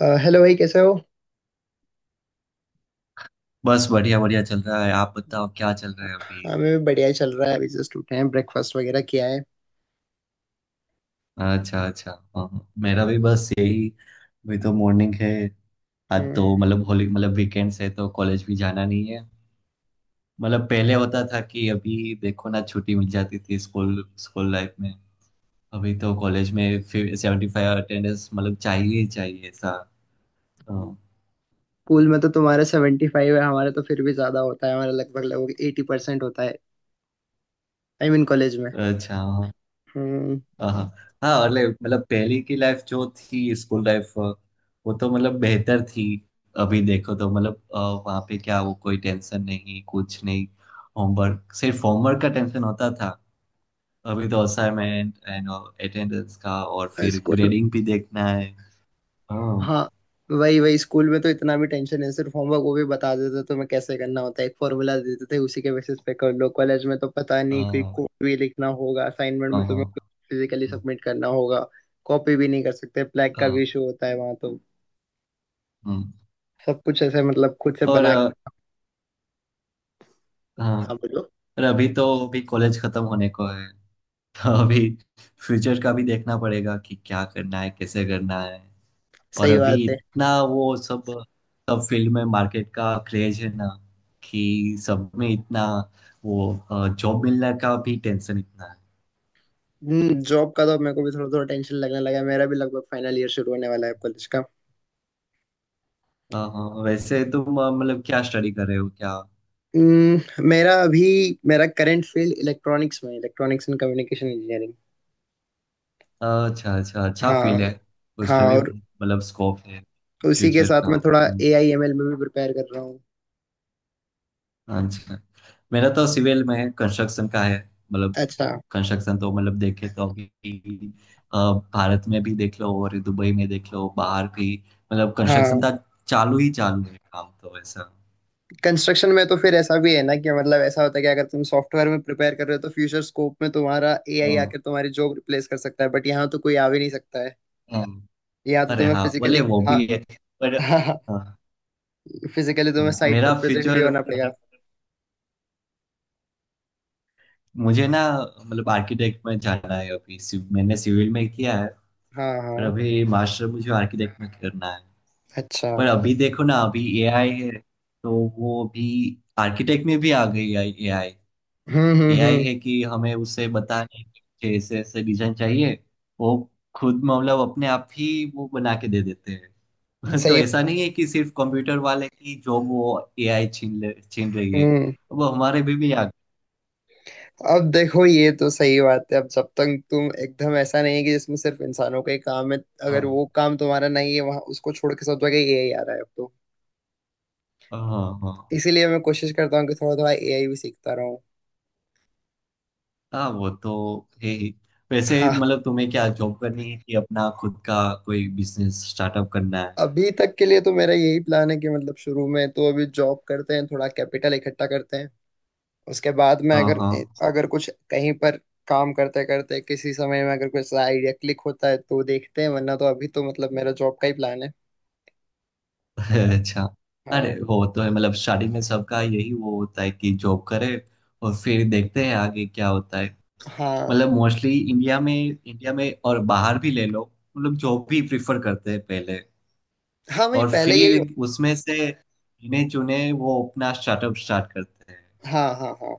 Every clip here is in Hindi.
हेलो भाई, कैसे हो। बस बढ़िया बढ़िया चल रहा है। आप बताओ क्या चल रहा है अभी। हमें भी बढ़िया ही चल रहा है। अभी जस्ट उठे हैं, ब्रेकफास्ट वगैरह किया है। अच्छा अच्छा। हाँ हाँ। मेरा भी बस यही, अभी तो मॉर्निंग है। आज तो हम्म। मतलब होली, मतलब वीकेंड्स है तो कॉलेज भी जाना नहीं है। मतलब पहले होता था कि अभी देखो ना, छुट्टी मिल जाती थी स्कूल स्कूल लाइफ में। अभी तो कॉलेज में 75 अटेंडेंस मतलब चाहिए ही चाहिए ऐसा। हाँ। स्कूल में तो तुम्हारे 75 है, हमारे तो फिर भी ज्यादा होता है, हमारा लगभग लगभग 80% होता है। आई मीन, कॉलेज में। अच्छा। हाँ हम्म। हाँ हाँ। हाँ, मतलब पहले की लाइफ जो थी, स्कूल लाइफ, वो तो मतलब बेहतर थी। अभी देखो तो मतलब वहाँ पे क्या, वो कोई टेंशन नहीं, कुछ नहीं। होमवर्क, सिर्फ होमवर्क का टेंशन होता था। अभी तो असाइनमेंट एंड अटेंडेंस का, और फिर स्कूल। ग्रेडिंग भी देखना है। हाँ हाँ। वही वही, स्कूल में तो इतना भी टेंशन नहीं, सिर्फ होमवर्क, वो भी बता देते तो मैं कैसे करना होता है, एक फॉर्मूला दे देते थे उसी के बेसिस पे कर लो। कॉलेज में तो पता नहीं, कोई हाँ कोड भी लिखना होगा असाइनमेंट में, हाँ तुम्हें कुछ हाँ। फिजिकली सबमिट करना होगा। कॉपी भी नहीं कर सकते, ब्लैक का हाँ, भी इशू होता है वहां तो। हम्म। सब कुछ ऐसे मतलब खुद से और बना। अ, हाँ, हाँ, बोलो। और अभी तो अभी कॉलेज खत्म होने को है तो अभी फ्यूचर का भी देखना पड़ेगा कि क्या करना है, कैसे करना है। और सही बात अभी है। इतना वो, सब सब फील्ड में मार्केट का क्रेज है ना, कि सब में इतना वो, जॉब मिलने का भी टेंशन इतना है। जॉब का तो मेरे को भी थोड़ा थोड़ा टेंशन लगने लगा है। मेरा भी लगभग फाइनल ईयर शुरू होने वाला है कॉलेज का। हाँ, वैसे तुम मतलब क्या स्टडी कर रहे हो क्या। हम्म, मेरा अभी मेरा करंट फील्ड इलेक्ट्रॉनिक्स में, इलेक्ट्रॉनिक्स एंड कम्युनिकेशन इंजीनियरिंग। अच्छा अच्छा, अच्छा हाँ फील्ड है। उसमें हाँ। और भी मतलब स्कोप है उसी के फ्यूचर साथ का। मैं थोड़ा हम्म। AIML में भी प्रिपेयर कर रहा हूँ। अच्छा। मेरा तो सिविल में कंस्ट्रक्शन का है। मतलब अच्छा, कंस्ट्रक्शन तो मतलब देखे तो अभी अ, भारत में भी देख लो और दुबई में देख लो, बाहर भी। मतलब कंस्ट्रक्शन हाँ। का चालू ही चालू है, काम तो ऐसा। कंस्ट्रक्शन में तो फिर ऐसा भी है ना कि मतलब ऐसा होता है कि अगर तुम सॉफ्टवेयर में प्रिपेयर कर रहे हो तो फ्यूचर स्कोप में तुम्हारा एआई हाँ, आकर तुम्हारी जॉब रिप्लेस कर सकता है, बट यहाँ तो कोई आ भी नहीं सकता है। हाँ, यहाँ तो अरे तुम्हें हाँ बोले, फिजिकली, वो हाँ। भी है पर। हाँ, फिजिकली तुम्हें साइट पर मेरा प्रेजेंट भी फ्यूचर होना पड़ेगा। मतलब, मुझे ना, मतलब आर्किटेक्ट में जाना है। अभी मैंने सिविल में किया है, हाँ पर हाँ। अभी मास्टर मुझे आर्किटेक्ट में करना है। अच्छा। पर अभी देखो ना, अभी एआई है, तो वो अभी आर्किटेक्ट में भी आ गई है एआई। एआई हम्म। है कि हमें उसे बताने कि मुझे ऐसे ऐसे डिजाइन चाहिए, वो खुद मतलब अपने आप ही वो बना के दे देते हैं तो सही। ऐसा नहीं है कि सिर्फ कंप्यूटर वाले की जॉब वो एआई छीन रही है। हम्म। अब हमारे भी आ गए। अब देखो, ये तो सही बात है। अब जब तक तुम एकदम, ऐसा नहीं है कि जिसमें सिर्फ इंसानों का ही काम है, अगर हाँ वो काम तुम्हारा नहीं है, वहां उसको छोड़ के सब जगह एआई आ रहा है अब तो। हाँ हाँ इसीलिए मैं कोशिश करता हूँ कि थोड़ा थोड़ा एआई भी सीखता रहूँ। हाँ। वो तो है ही। वैसे हाँ। मतलब तुम्हें क्या जॉब करनी है कि अपना खुद का कोई बिजनेस स्टार्टअप करना है। अभी तक के लिए तो मेरा यही प्लान है कि मतलब शुरू में तो अभी जॉब करते हैं, थोड़ा कैपिटल इकट्ठा करते हैं। उसके बाद में हाँ अगर हाँ। अगर कुछ कहीं पर काम करते करते किसी समय में अगर कुछ आइडिया क्लिक होता है तो देखते हैं, वरना तो अभी तो मतलब मेरा जॉब का ही प्लान है। अच्छा। अरे हाँ वो तो है, मतलब स्टार्टिंग में सबका यही वो होता है कि जॉब करे, और फिर देखते हैं आगे क्या होता है। हाँ। मतलब मोस्टली इंडिया में और बाहर भी ले लो, वो लोग जॉब भी प्रिफर करते हैं पहले। हाँ भाई, और पहले यही फिर उसमें से गिने चुने वो अपना स्टार्टअप स्टार्ट करते हैं। हाँ हाँ हाँ।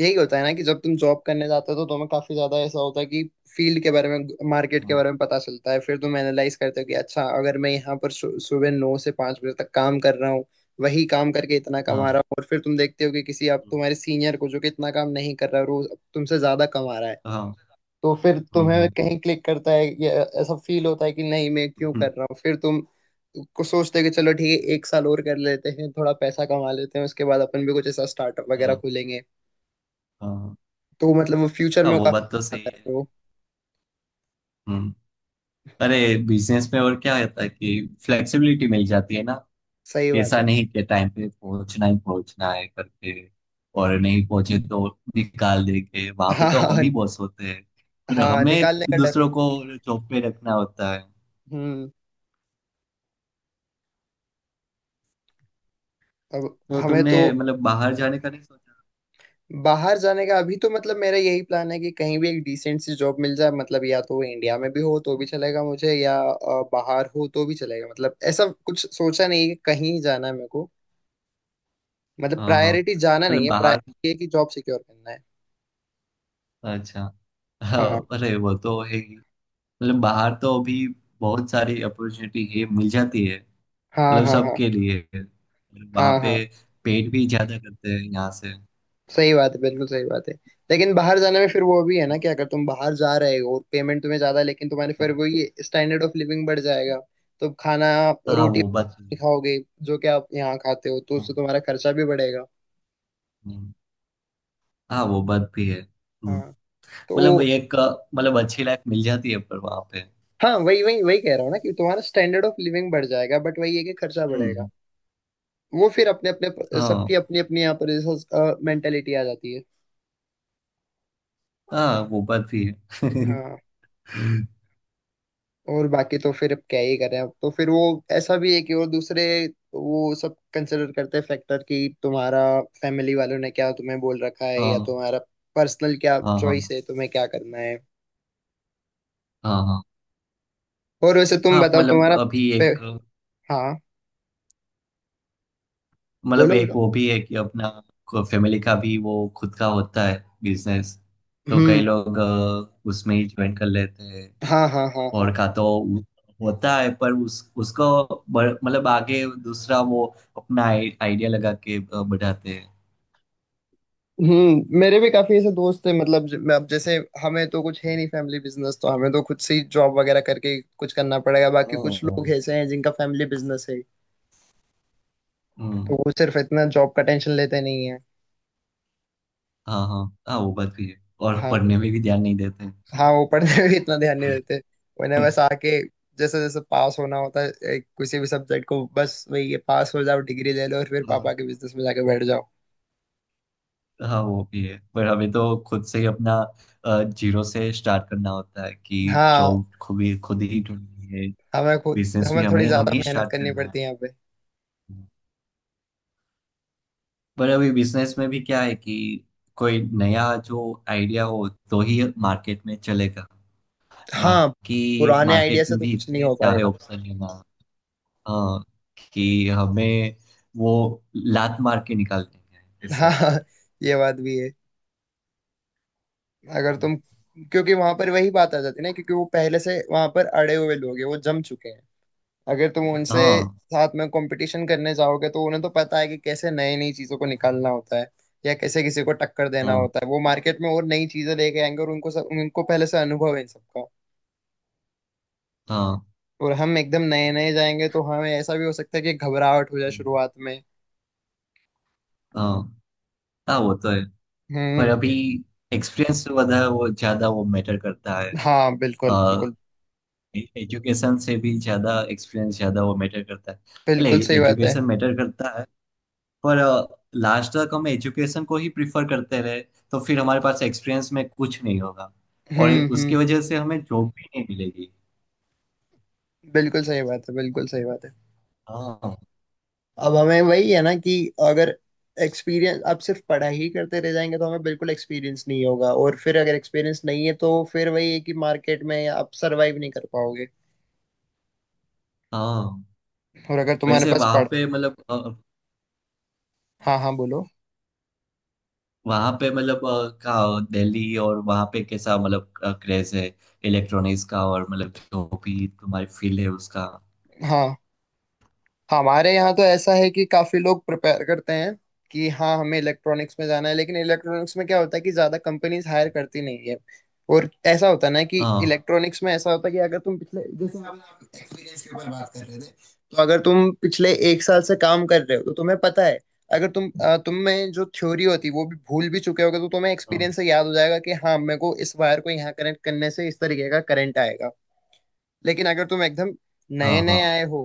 यही होता है ना कि जब तुम जॉब करने जाते हो तो तुम्हें काफी ज्यादा ऐसा होता है कि फील्ड के बारे में, मार्केट के हाँ बारे में पता चलता है, फिर तुम एनालाइज करते हो कि अच्छा, अगर मैं यहाँ पर सुबह 9 से 5 बजे तक काम कर रहा हूँ, वही काम करके इतना कमा हाँ रहा हूँ, और फिर तुम देखते हो कि किसी आप तुम्हारे सीनियर को जो कि इतना काम नहीं कर रहा है और वो तुमसे ज्यादा कमा रहा है, हाँ। तो फिर हम्म, तुम्हें हम्म, कहीं क्लिक करता है या ऐसा फील होता है कि नहीं, मैं क्यों हम्म, कर रहा हूँ, फिर तुम कुछ सोचते हो कि चलो ठीक है, एक साल और कर लेते हैं, थोड़ा पैसा कमा लेते हैं, उसके बाद अपन भी कुछ ऐसा स्टार्टअप वगैरह हाँ खोलेंगे। हाँ। तो मतलब वो फ्यूचर में हाँ, वो वो काफी बात तो काम सही आता है है। फिर वो। हम्म। अरे बिजनेस में और क्या होता है कि फ्लेक्सिबिलिटी मिल जाती है ना। सही बात ऐसा है। नहीं कि टाइम पे पहुंचना ही पहुंचना है करके, और नहीं पहुंचे तो निकाल देंगे। वहां पे हाँ तो हम ही हाँ। बॉस होते हैं, और हाँ, हमें निकालने का डर दूसरों बिल्कुल को जॉब पे रखना होता है। भी। हम्म। अब तो हमें तुमने तो मतलब बाहर जाने का नहीं सोचा। बाहर जाने का अभी तो मतलब मेरा यही प्लान है कि कहीं भी एक डिसेंट सी जॉब मिल जाए, मतलब या तो वो इंडिया में भी हो तो भी चलेगा मुझे या बाहर हो तो भी चलेगा, मतलब ऐसा कुछ सोचा नहीं है कि कहीं जाना है मेरे को। मतलब हाँ हाँ, प्रायोरिटी जाना नहीं मतलब है, बाहर। प्रायोरिटी है कि जॉब सिक्योर करना है। अच्छा। हाँ हाँ, अरे वो तो है ही। मतलब बाहर तो अभी बहुत सारी अपॉर्चुनिटी है, मिल जाती है हाँ मतलब हाँ हाँ। सबके लिए। और वहाँ हाँ हाँ। पे पेट भी ज्यादा करते हैं यहाँ से। सही बात है, बिल्कुल सही बात है। लेकिन बाहर जाने में फिर वो भी है ना कि अगर तुम बाहर जा रहे हो और पेमेंट तुम्हें ज्यादा है, लेकिन तुम्हारे फिर वो ये स्टैंडर्ड ऑफ लिविंग बढ़ जाएगा, तो खाना हाँ रोटी वो बात तो नहीं है। खाओगे जो कि आप यहाँ खाते हो, तो उससे हम्म, तुम्हारा खर्चा भी बढ़ेगा। हम्म। हाँ वो बात भी है। हाँ। मतलब तो, एक मतलब अच्छी लाइफ मिल जाती है पर वहां पे। हाँ वही वही वही कह रहा हूँ ना कि तुम्हारा स्टैंडर्ड ऑफ लिविंग बढ़ जाएगा, बट वही है कि खर्चा बढ़ेगा। हम्म। वो फिर अपने अपने हाँ सबकी अपनी अपनी यहाँ पर मेंटेलिटी आ जाती है। हाँ वो बात भी है हाँ। और बाकी तो फिर अब क्या ही करें, अब तो फिर वो, ऐसा भी है कि और दूसरे वो सब कंसिडर करते हैं फैक्टर, कि तुम्हारा फैमिली वालों ने क्या तुम्हें बोल रखा है, या हाँ तुम्हारा पर्सनल क्या हाँ चॉइस हाँ है, तुम्हें क्या करना है। हाँ हाँ और वैसे तुम हाँ, बताओ, मतलब तुम्हारा अभी पे... एक, हाँ मतलब बोलो एक बोलो। वो भी है कि अपना फैमिली का भी वो खुद का होता है बिजनेस, तो कई हम्म। लोग उसमें ही ज्वाइन कर लेते हैं। हाँ हाँ हाँ हाँ। और का तो उ- होता है पर उस उसको मतलब आगे दूसरा वो अपना आइडिया लगा के बढ़ाते हैं। हम्म, मेरे भी काफी ऐसे दोस्त हैं, मतलब अब जैसे हमें तो कुछ है नहीं फैमिली बिजनेस, तो हमें तो खुद से ही जॉब वगैरह करके कुछ करना पड़ेगा, बाकी कुछ लोग हाँ, ऐसे हैं जिनका फैमिली बिजनेस है, तो हम्म, वो सिर्फ इतना जॉब का टेंशन लेते नहीं है। हाँ हाँ हाँ वो बात भी है, और हाँ। पढ़ने में भी ध्यान नहीं देते हैं। हाँ वो पढ़ने में भी इतना ध्यान नहीं देते, उन्हें बस आके जैसे जैसे पास होना होता है, किसी भी सब्जेक्ट को बस वही ये, पास हो जाओ डिग्री ले लो और फिर पापा हाँ के बिजनेस में जाके बैठ जाओ। हाँ वो भी है, पर हमें तो खुद से ही अपना जीरो से स्टार्ट करना होता है कि हाँ। जॉब खुद ही ढूंढनी है। हमें खुद, बिजनेस भी हमें थोड़ी हमें हमें ज्यादा ही मेहनत स्टार्ट करनी करना है। पड़ती है यहाँ पे। पर अभी बिजनेस में भी क्या है कि कोई नया जो आइडिया हो तो ही मार्केट में चलेगा, हाँ। बाकी पुराने आइडिया मार्केट से में तो भी कुछ नहीं इतने हो सारे पाएगा। ऑप्शन है ना। हाँ, कि हमें वो लात मार के निकाल देंगे ऐसा। हाँ, ये बात भी है। अगर तुम, क्योंकि वहां पर वही बात आ जाती है ना, क्योंकि वो पहले से वहां पर अड़े हुए लोग हैं, वो जम चुके हैं। अगर तुम उनसे हाँ साथ में कंपटीशन करने जाओगे तो उन्हें तो पता है कि कैसे नई नई चीजों को निकालना होता है, या कैसे किसी को टक्कर देना हाँ होता है, वो मार्केट में और नई चीजें लेके आएंगे, और उनको सब, उनको पहले से अनुभव है इन सबका, हाँ और हम एकदम नए नए जाएंगे तो हमें ऐसा भी हो सकता है कि घबराहट हो जाए शुरुआत में। हाँ। हाँ वो तो है, पर हम्म। अभी एक्सपीरियंस से ज्यादा वो मैटर करता है। हाँ बिल्कुल बिल्कुल। एजुकेशन से भी ज्यादा एक्सपीरियंस ज्यादा वो मैटर करता है। अरे बिल्कुल सही बात है। एजुकेशन मैटर करता है, पर लास्ट तक हम एजुकेशन को ही प्रिफर करते रहे तो फिर हमारे पास एक्सपीरियंस में कुछ नहीं होगा, और उसकी हम्म। वजह से हमें जॉब भी नहीं मिलेगी। बिल्कुल सही बात है, बिल्कुल सही बात है। हाँ अब हमें वही है ना कि अगर, एक्सपीरियंस, आप सिर्फ पढ़ाई ही करते रह जाएंगे तो हमें बिल्कुल एक्सपीरियंस नहीं होगा, और फिर अगर एक्सपीरियंस नहीं है तो फिर वही है कि मार्केट में आप सरवाइव नहीं कर पाओगे। हाँ। और अगर तुम्हारे वैसे पास वहां पढ़, पे मतलब हाँ हाँ बोलो। वहां पे मतलब अ, का दिल्ली और वहां पे कैसा मतलब क्रेज है इलेक्ट्रॉनिक्स का, और मतलब जो भी तुम्हारी फील्ड है उसका। हाँ, हमारे यहाँ तो ऐसा है कि काफी लोग प्रिपेयर करते हैं कि हाँ हमें इलेक्ट्रॉनिक्स में जाना है, लेकिन इलेक्ट्रॉनिक्स में क्या होता है कि ज्यादा कंपनीज हायर करती नहीं है। और ऐसा होता है ना कि हाँ इलेक्ट्रॉनिक्स में ऐसा होता है कि अगर तुम पिछले, जैसे हम एक्सपीरियंस के ऊपर बात कर रहे थे, तो अगर तुम पिछले एक साल से काम कर रहे हो तो तुम्हें पता है, अगर तुम में जो थ्योरी होती है वो भी भूल भी चुके होगे तो तुम्हें हाँ एक्सपीरियंस से याद हो जाएगा कि हाँ मेरे को इस वायर को यहाँ कनेक्ट करने से इस तरीके का करंट आएगा, लेकिन अगर तुम एकदम हाँ नए नए हाँ आए हो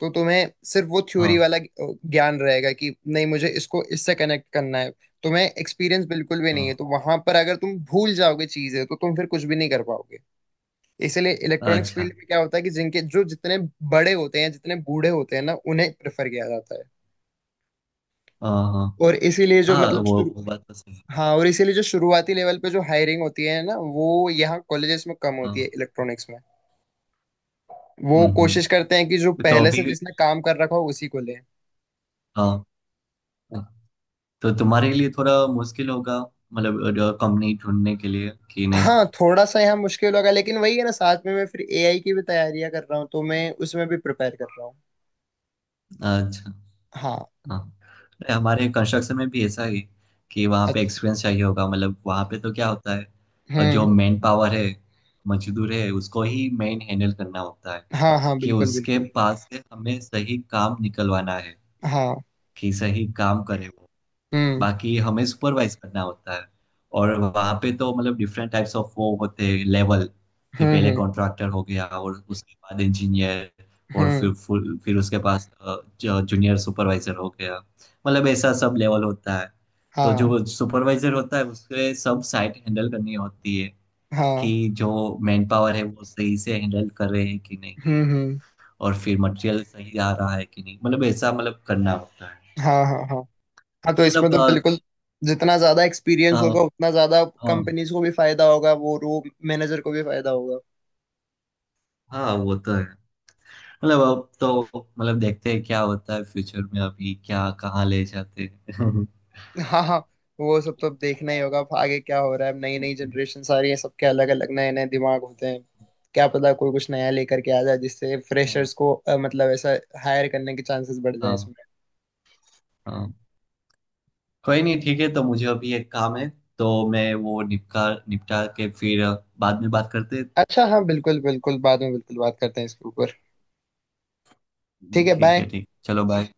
तो तुम्हें सिर्फ वो थ्योरी हाँ वाला ज्ञान रहेगा कि नहीं, मुझे इसको इससे कनेक्ट करना है, तुम्हें एक्सपीरियंस बिल्कुल भी नहीं हाँ। है, तो वहां पर अगर तुम भूल जाओगे चीजें तो तुम फिर कुछ भी नहीं कर पाओगे। इसीलिए इलेक्ट्रॉनिक्स अच्छा। फील्ड में क्या होता है कि जिनके जो जितने बड़े होते हैं, जितने बूढ़े होते हैं ना उन्हें प्रेफर किया जाता है, हाँ हाँ और इसीलिए जो हाँ, मतलब शुरू, वो बात तो सही है। हाँ और इसीलिए जो शुरुआती लेवल पे जो हायरिंग होती है ना वो यहाँ कॉलेजेस में कम होती हाँ। है इलेक्ट्रॉनिक्स में। वो हम्म कोशिश करते हम्म। हैं कि जो तो पहले से अभी जिसने काम कर रखा हो उसी को ले। हाँ हाँ। तो तुम्हारे लिए थोड़ा मुश्किल होगा मतलब कंपनी ढूंढने के लिए कि नहीं। हाँ थोड़ा सा यहाँ मुश्किल होगा, लेकिन वही है ना, साथ में मैं फिर एआई की भी तैयारियां कर रहा हूँ, तो मैं उसमें भी प्रिपेयर कर रहा हूँ। अच्छा। हाँ। हाँ। अरे हमारे कंस्ट्रक्शन में भी ऐसा ही, कि वहाँ पे अच्छा। एक्सपीरियंस चाहिए होगा। मतलब वहाँ पे तो क्या होता है, और हम्म। जो मेन पावर है, मजदूर है, उसको ही मेन हैंडल करना होता है हाँ हाँ। कि बिल्कुल उसके बिल्कुल। पास से हमें सही काम निकलवाना है, हाँ। कि सही काम करे वो। हम्म बाकी हमें सुपरवाइज करना होता है। और वहाँ पे तो मतलब डिफरेंट टाइप्स ऑफ वो होते हैं लेवल, कि हम्म पहले हम्म कॉन्ट्रैक्टर हो गया और उसके बाद इंजीनियर, और हम्म। फिर फुल फिर उसके पास जूनियर सुपरवाइजर हो गया, मतलब ऐसा सब लेवल होता है। तो हाँ जो सुपरवाइजर होता है उसके सब साइट हैंडल करनी होती है, हाँ। कि जो मैन पावर है वो सही से हैंडल कर रहे हैं कि नहीं, हम्म। और फिर मटेरियल सही आ रहा है कि नहीं, मतलब ऐसा मतलब करना होता है। हाँ हाँ हाँ हाँ, तो इसमें मतलब तो बिल्कुल जितना ज्यादा अ, एक्सपीरियंस होगा उतना ज्यादा हाँ कंपनीज को भी फायदा होगा, वो रो मैनेजर को भी फायदा होगा। हाँ वो तो है, मतलब अब तो, मतलब देखते हैं क्या होता है फ्यूचर में, अभी क्या कहाँ ले जाते हैं हाँ हाँ। वो सब तो अब देखना ही होगा, अब आगे क्या हो रहा है। अब नई नई जनरेशन सारी है, सबके अलग अलग नए नए दिमाग होते हैं। क्या पता कोई कुछ नया लेकर के आ जाए जिससे हाँ फ्रेशर्स को मतलब ऐसा हायर करने के चांसेस बढ़ जाए हाँ इसमें। हाँ। कोई नहीं, ठीक है, तो मुझे अभी एक काम है, तो मैं वो निपटा निपटा के फिर बाद में बात करते हैं। अच्छा, हाँ बिल्कुल बिल्कुल, बाद में बिल्कुल बात करते हैं इसके ऊपर। ठीक है, ठीक है, बाय। ठीक चलो बाय।